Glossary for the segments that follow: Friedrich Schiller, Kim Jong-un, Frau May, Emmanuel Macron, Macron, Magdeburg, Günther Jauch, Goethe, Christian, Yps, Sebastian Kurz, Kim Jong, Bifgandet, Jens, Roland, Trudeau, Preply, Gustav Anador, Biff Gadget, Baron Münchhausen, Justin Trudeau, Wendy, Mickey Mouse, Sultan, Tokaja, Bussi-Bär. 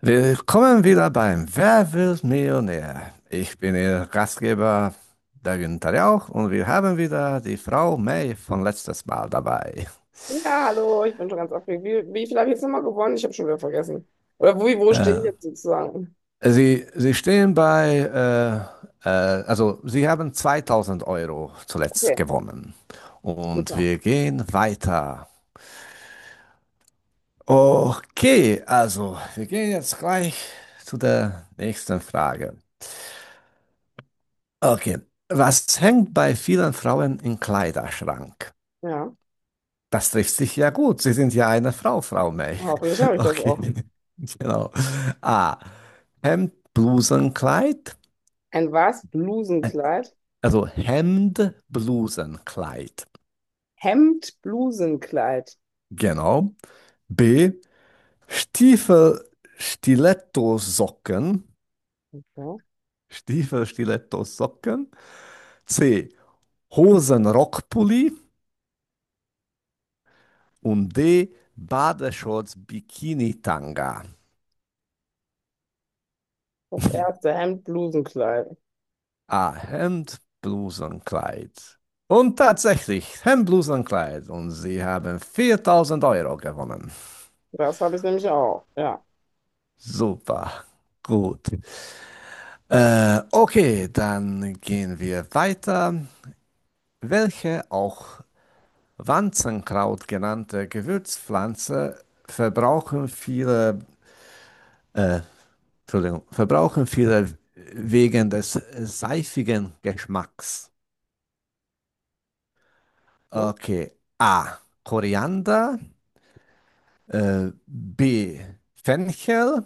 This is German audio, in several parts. Willkommen wieder beim Wer wird Millionär? Ich bin Ihr Gastgeber, der Günther Jauch, und wir haben wieder die Frau May von letztes Mal dabei. Ja, hallo, ich bin schon ganz aufgeregt. Wie viel habe ich jetzt nochmal gewonnen? Ich habe schon wieder vergessen. Oder wo stehe ich jetzt sozusagen? Sie stehen bei, also Sie haben 2000 Euro Okay, zuletzt gewonnen. Und super. wir gehen weiter. Okay, also wir gehen jetzt gleich zu der nächsten Frage. Okay, was hängt bei vielen Frauen im Kleiderschrank? Ja, Das trifft sich ja gut. Sie sind ja eine Frau, Frau May. hoffentlich habe ich das Okay, auch. genau. A. Hemd, Blusenkleid. Ein was? Äh, Blusenkleid? Also Hemd, Blusenkleid. Hemd, Blusenkleid. Genau. B. Stiefel, Stilettosocken. Ja, Stiefel, Stilettosocken. C. Hosen, Rockpulli. Und D. Badeshorts, Bikini-Tanga. das erste Hemd, Blusenkleid. A. Hemd, Bluse und Kleid. Und tatsächlich, Hemd, Bluse und Kleid. Und sie haben 4000 Euro gewonnen. Das habe ich nämlich auch. Ja. Super. Gut. Okay, dann gehen wir weiter. Welche auch Wanzenkraut genannte Gewürzpflanze verbrauchen viele, äh, Entschuldigung, verbrauchen viele wegen des seifigen Geschmacks? Hm? Okay. A. Koriander. B. Fenchel.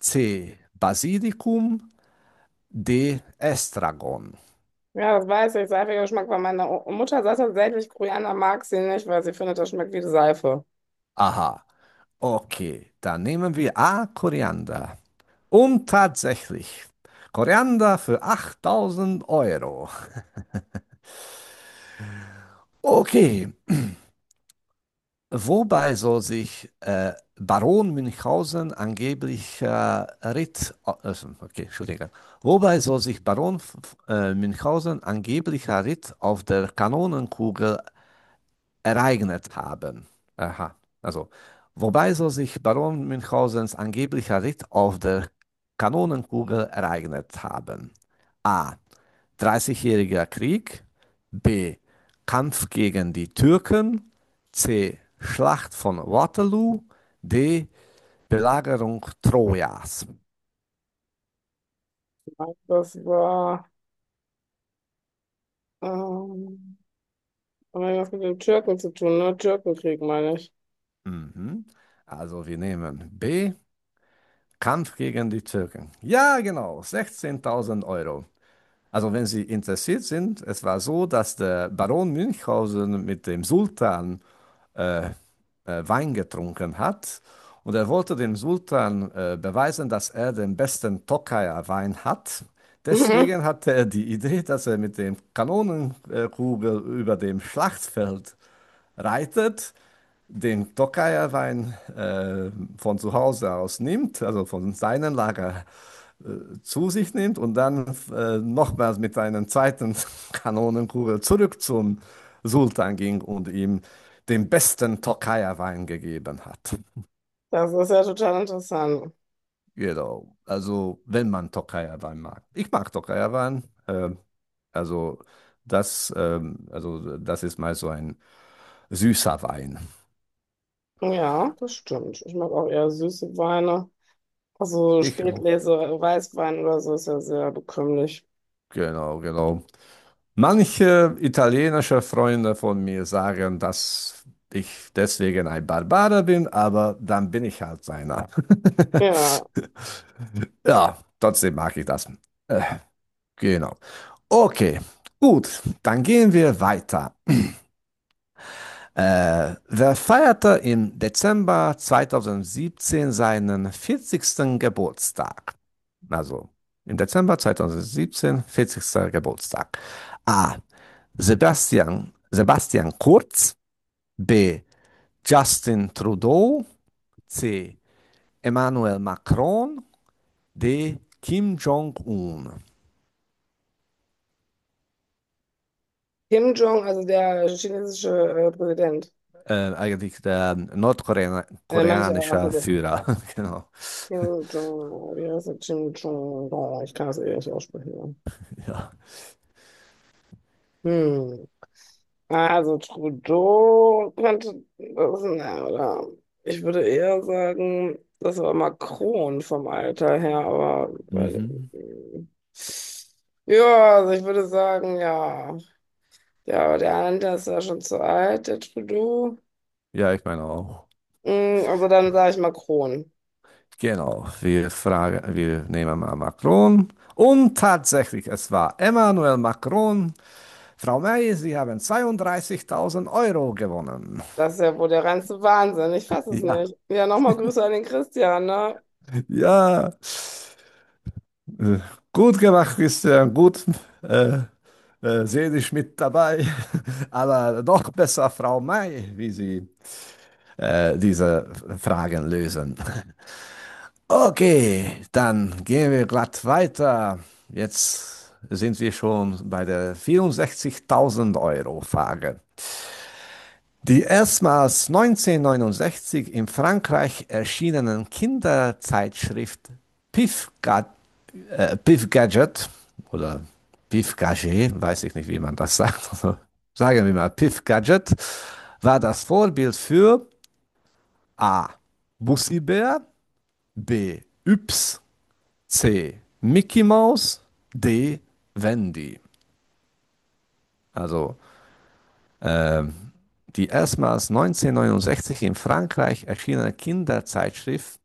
C. Basilikum. D. Estragon. Ja, das weiß ich. Seifiger Geschmack war meiner Mutter. Sagt tatsächlich, Koreaner mag sie nicht, weil sie findet, das schmeckt wie Seife. Aha, okay. Dann nehmen wir A. Koriander. Und tatsächlich, Koriander für 8.000 Euro. Okay, wobei soll sich Baron Münchhausen angeblich Ritt, okay, Entschuldigung. Wobei soll sich Baron Münchhausen angeblicher Ritt auf der Kanonenkugel ereignet haben. Aha. Also, wobei so sich Baron Münchhausens angeblicher Ritt auf der Kanonenkugel ereignet haben. A. Dreißigjähriger Krieg. B. Kampf gegen die Türken. C. Schlacht von Waterloo. D. Belagerung Trojas. Das war, ähm, hat das mit dem Türken zu tun, ne? Türkenkrieg meine ich. Mhm. Also wir nehmen B. Kampf gegen die Türken. Ja, genau. 16.000 Euro. Also, wenn Sie interessiert sind, es war so, dass der Baron Münchhausen mit dem Sultan äh, Wein getrunken hat und er wollte dem Sultan beweisen, dass er den besten Tokaier Wein hat. Deswegen hatte er die Idee, dass er mit dem Kanonenkugel über dem Schlachtfeld reitet, den Tokaier Wein von zu Hause aus nimmt, also von seinem Lager zu sich nimmt und dann nochmals mit einer zweiten Kanonenkugel zurück zum Sultan ging und ihm den besten Tokaja-Wein gegeben hat. Das ist ja total interessant. Genau. Also, wenn man Tokaja-Wein mag. Ich mag Tokaja-Wein. Also, also, das ist mal so ein süßer Wein. Ja, das stimmt. Ich mag auch eher süße Weine. Also Ich auch. Spätlese, Weißwein oder so ist ja sehr bekömmlich. Genau, genau. Manche italienische Freunde von mir sagen, dass ich deswegen ein Barbarer bin, aber dann bin ich halt einer. Ja, Ja, trotzdem mag ich das. Äh, genau. Okay, gut, dann gehen wir weiter. Wer feierte im Dezember 2017 seinen 40. Geburtstag? Also im Dezember 2017, 40. Geburtstag. A. Sebastian Kurz. B. Justin Trudeau. C. Emmanuel Macron. D. Kim Jong-un. Kim Jong, also der chinesische Präsident. Eigentlich der Manche, achso, nordkoreanische der Führer. Genau. Kim Jong, wie heißt der? Kim Jong, oh, ich kann das eh nicht aussprechen. Ja. Ja. Hm. Also Trudeau könnte das, na, oder ich würde eher sagen, das war Macron vom Alter her, aber Mhm. mm, ja, also ich würde sagen, ja. Ja, aber der andere ist ja schon zu alt, der Trudeau. Ja, ich meine auch. Also dann sage ich Macron. Genau, wir fragen, wir nehmen mal Macron. Und tatsächlich, es war Emmanuel Macron. Frau May, Sie haben 32.000 Euro gewonnen. Das ist ja wohl der reinste Wahnsinn. Ich fasse es Ja, nicht. Ja, nochmal Grüße an den Christian, ne? ja. Äh, Gut gemacht, Christian, gut. Äh, seelisch mit dabei, aber noch besser Frau May, wie Sie diese Fragen lösen. Okay, dann gehen wir glatt weiter. Jetzt sind wir schon bei der 64.000 Euro Frage. Die erstmals 1969 in Frankreich erschienenen Kinderzeitschrift Pif Biff Gadget oder Biff Gadget, weiß ich nicht, wie man das sagt. Also, sagen wir mal, Biff Gadget war das Vorbild für A. Bussi-Bär, B. Yps, C. Mickey Mouse, D. Wendy. Also äh, die erstmals 1969 in Frankreich erschienene Kinderzeitschrift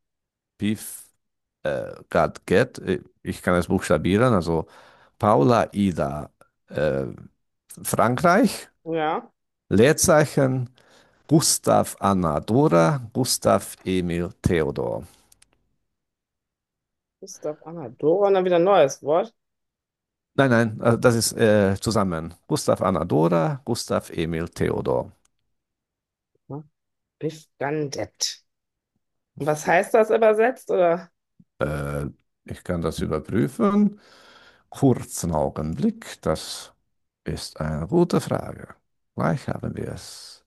Biff Gadget, ich kann es buchstabieren, also Paula Ida äh, Frankreich, Ja. Leerzeichen Gustav Anna Dora, Gustav Emil Theodor. Gustav Anador und dann wieder ein neues Wort. Nein, nein, das ist zusammen. Gustav Anna Dora, Gustav Emil Theodor. Bifgandet. Was heißt das übersetzt? Oder Äh, ich kann das überprüfen. Kurzen Augenblick, das ist eine gute Frage. Gleich haben wir es.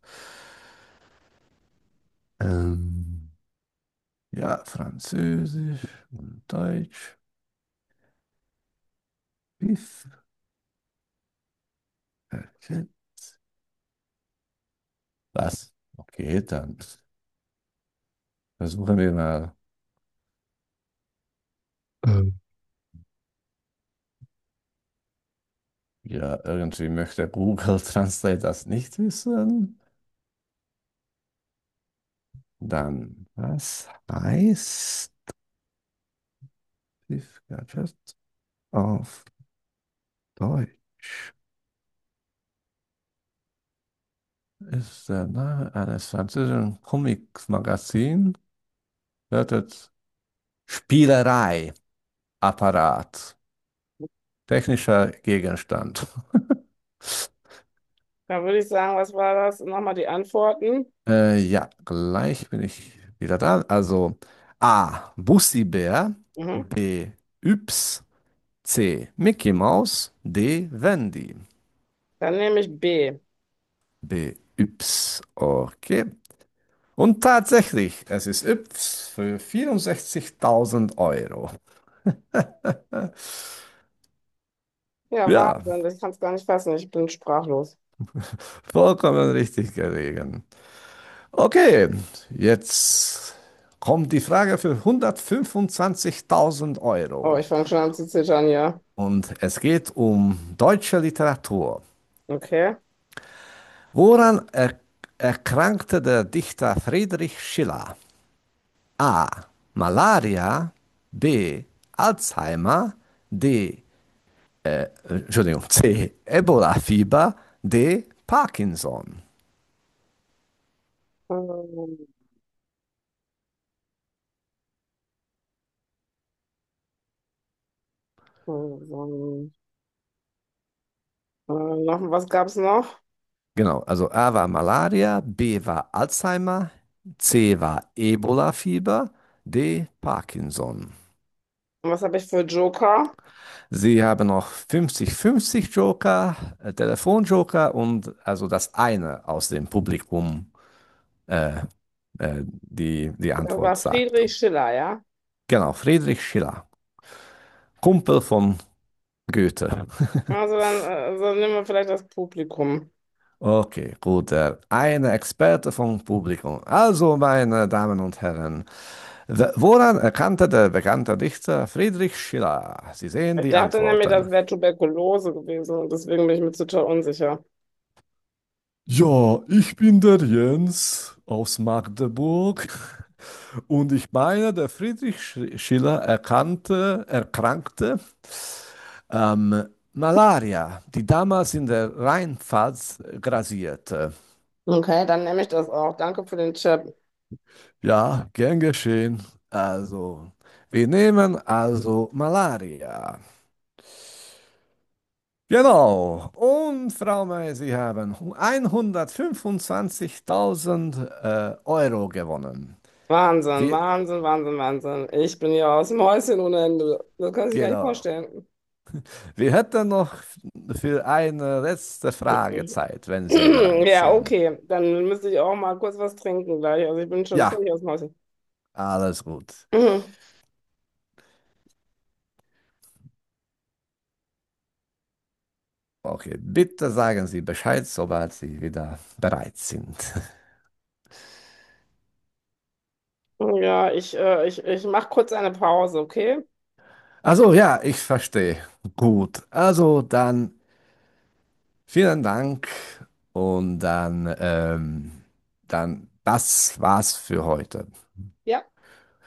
Ähm, ja, Französisch und Deutsch. Okay. Was? Okay, dann versuchen wir mal. Ja, irgendwie möchte Google Translate das nicht wissen. Dann, was heißt Tiefgarten auf Deutsch? Ist der Name eines französischen Comics-Magazins. Lautet Spielerei, Apparat, technischer Gegenstand. da würde ich sagen, was war das? Nochmal die Antworten. Ja, gleich bin ich wieder da. Also A. Bussi-Bär, Mhm. B. Yps, C. Mickey Mouse, D. Wendy. Dann nehme ich B. B-Yps. Okay. Und tatsächlich, es ist Yps für 64.000 Euro. Ja, Ja, Wahnsinn, ich kann es gar nicht fassen. Ich bin sprachlos. vollkommen richtig gelegen. Okay, jetzt kommt die Frage für 125.000 Oh, Euro. ich fange schon an zu zittern, ja. Und es geht um deutsche Literatur. Okay. Woran er erkrankte der Dichter Friedrich Schiller? A. Malaria. B. Alzheimer. D. Entschuldigung, C. Ebola-Fieber, D. Parkinson. Ähm, ähm, noch, was gab es noch? Genau, also A war Malaria, B war Alzheimer, C war Ebola-Fieber, D. Parkinson. Was habe ich für Joker? Sie haben noch 50-50 Joker, Telefonjoker und also das eine aus dem Publikum, äh, die die Das war Antwort sagt. Friedrich Schiller, ja. Genau, Friedrich Schiller, Kumpel von Goethe. Also dann so nehmen wir vielleicht das Publikum. Okay, gut. Eine Experte vom Publikum. Also, meine Damen und Herren, woran erkannte der bekannte Dichter Friedrich Schiller? Sie sehen Ich die dachte nämlich, Antworten. das wäre Tuberkulose gewesen und deswegen bin ich mir total unsicher. Ja, ich bin der Jens aus Magdeburg und ich meine, der Friedrich Schiller erkrankte ähm, Malaria, die damals in der Rheinpfalz grassierte. Okay, dann nehme ich das auch. Danke für den Tipp. Ja, gern geschehen. Also, wir nehmen also Malaria. Genau. Und Frau May, Sie haben 125.000 Euro gewonnen. Wahnsinn, Wir, Wahnsinn, Wahnsinn, Wahnsinn. Ich bin ja aus dem Häuschen ohne Ende. Das kann ich gar nicht genau. vorstellen. Wir hätten noch für eine letzte Frage Zeit, wenn Sie bereit Ja, sind. okay. Dann müsste ich auch mal kurz was trinken gleich. Also ich bin schon Ja, völlig aus dem Häuschen. alles gut. Okay, bitte sagen Sie Bescheid, sobald Sie wieder bereit sind. Mhm. Ja, ich mache kurz eine Pause, okay? Also ja, ich verstehe. Gut, also dann vielen Dank und dann, dann das war's für heute. Ja.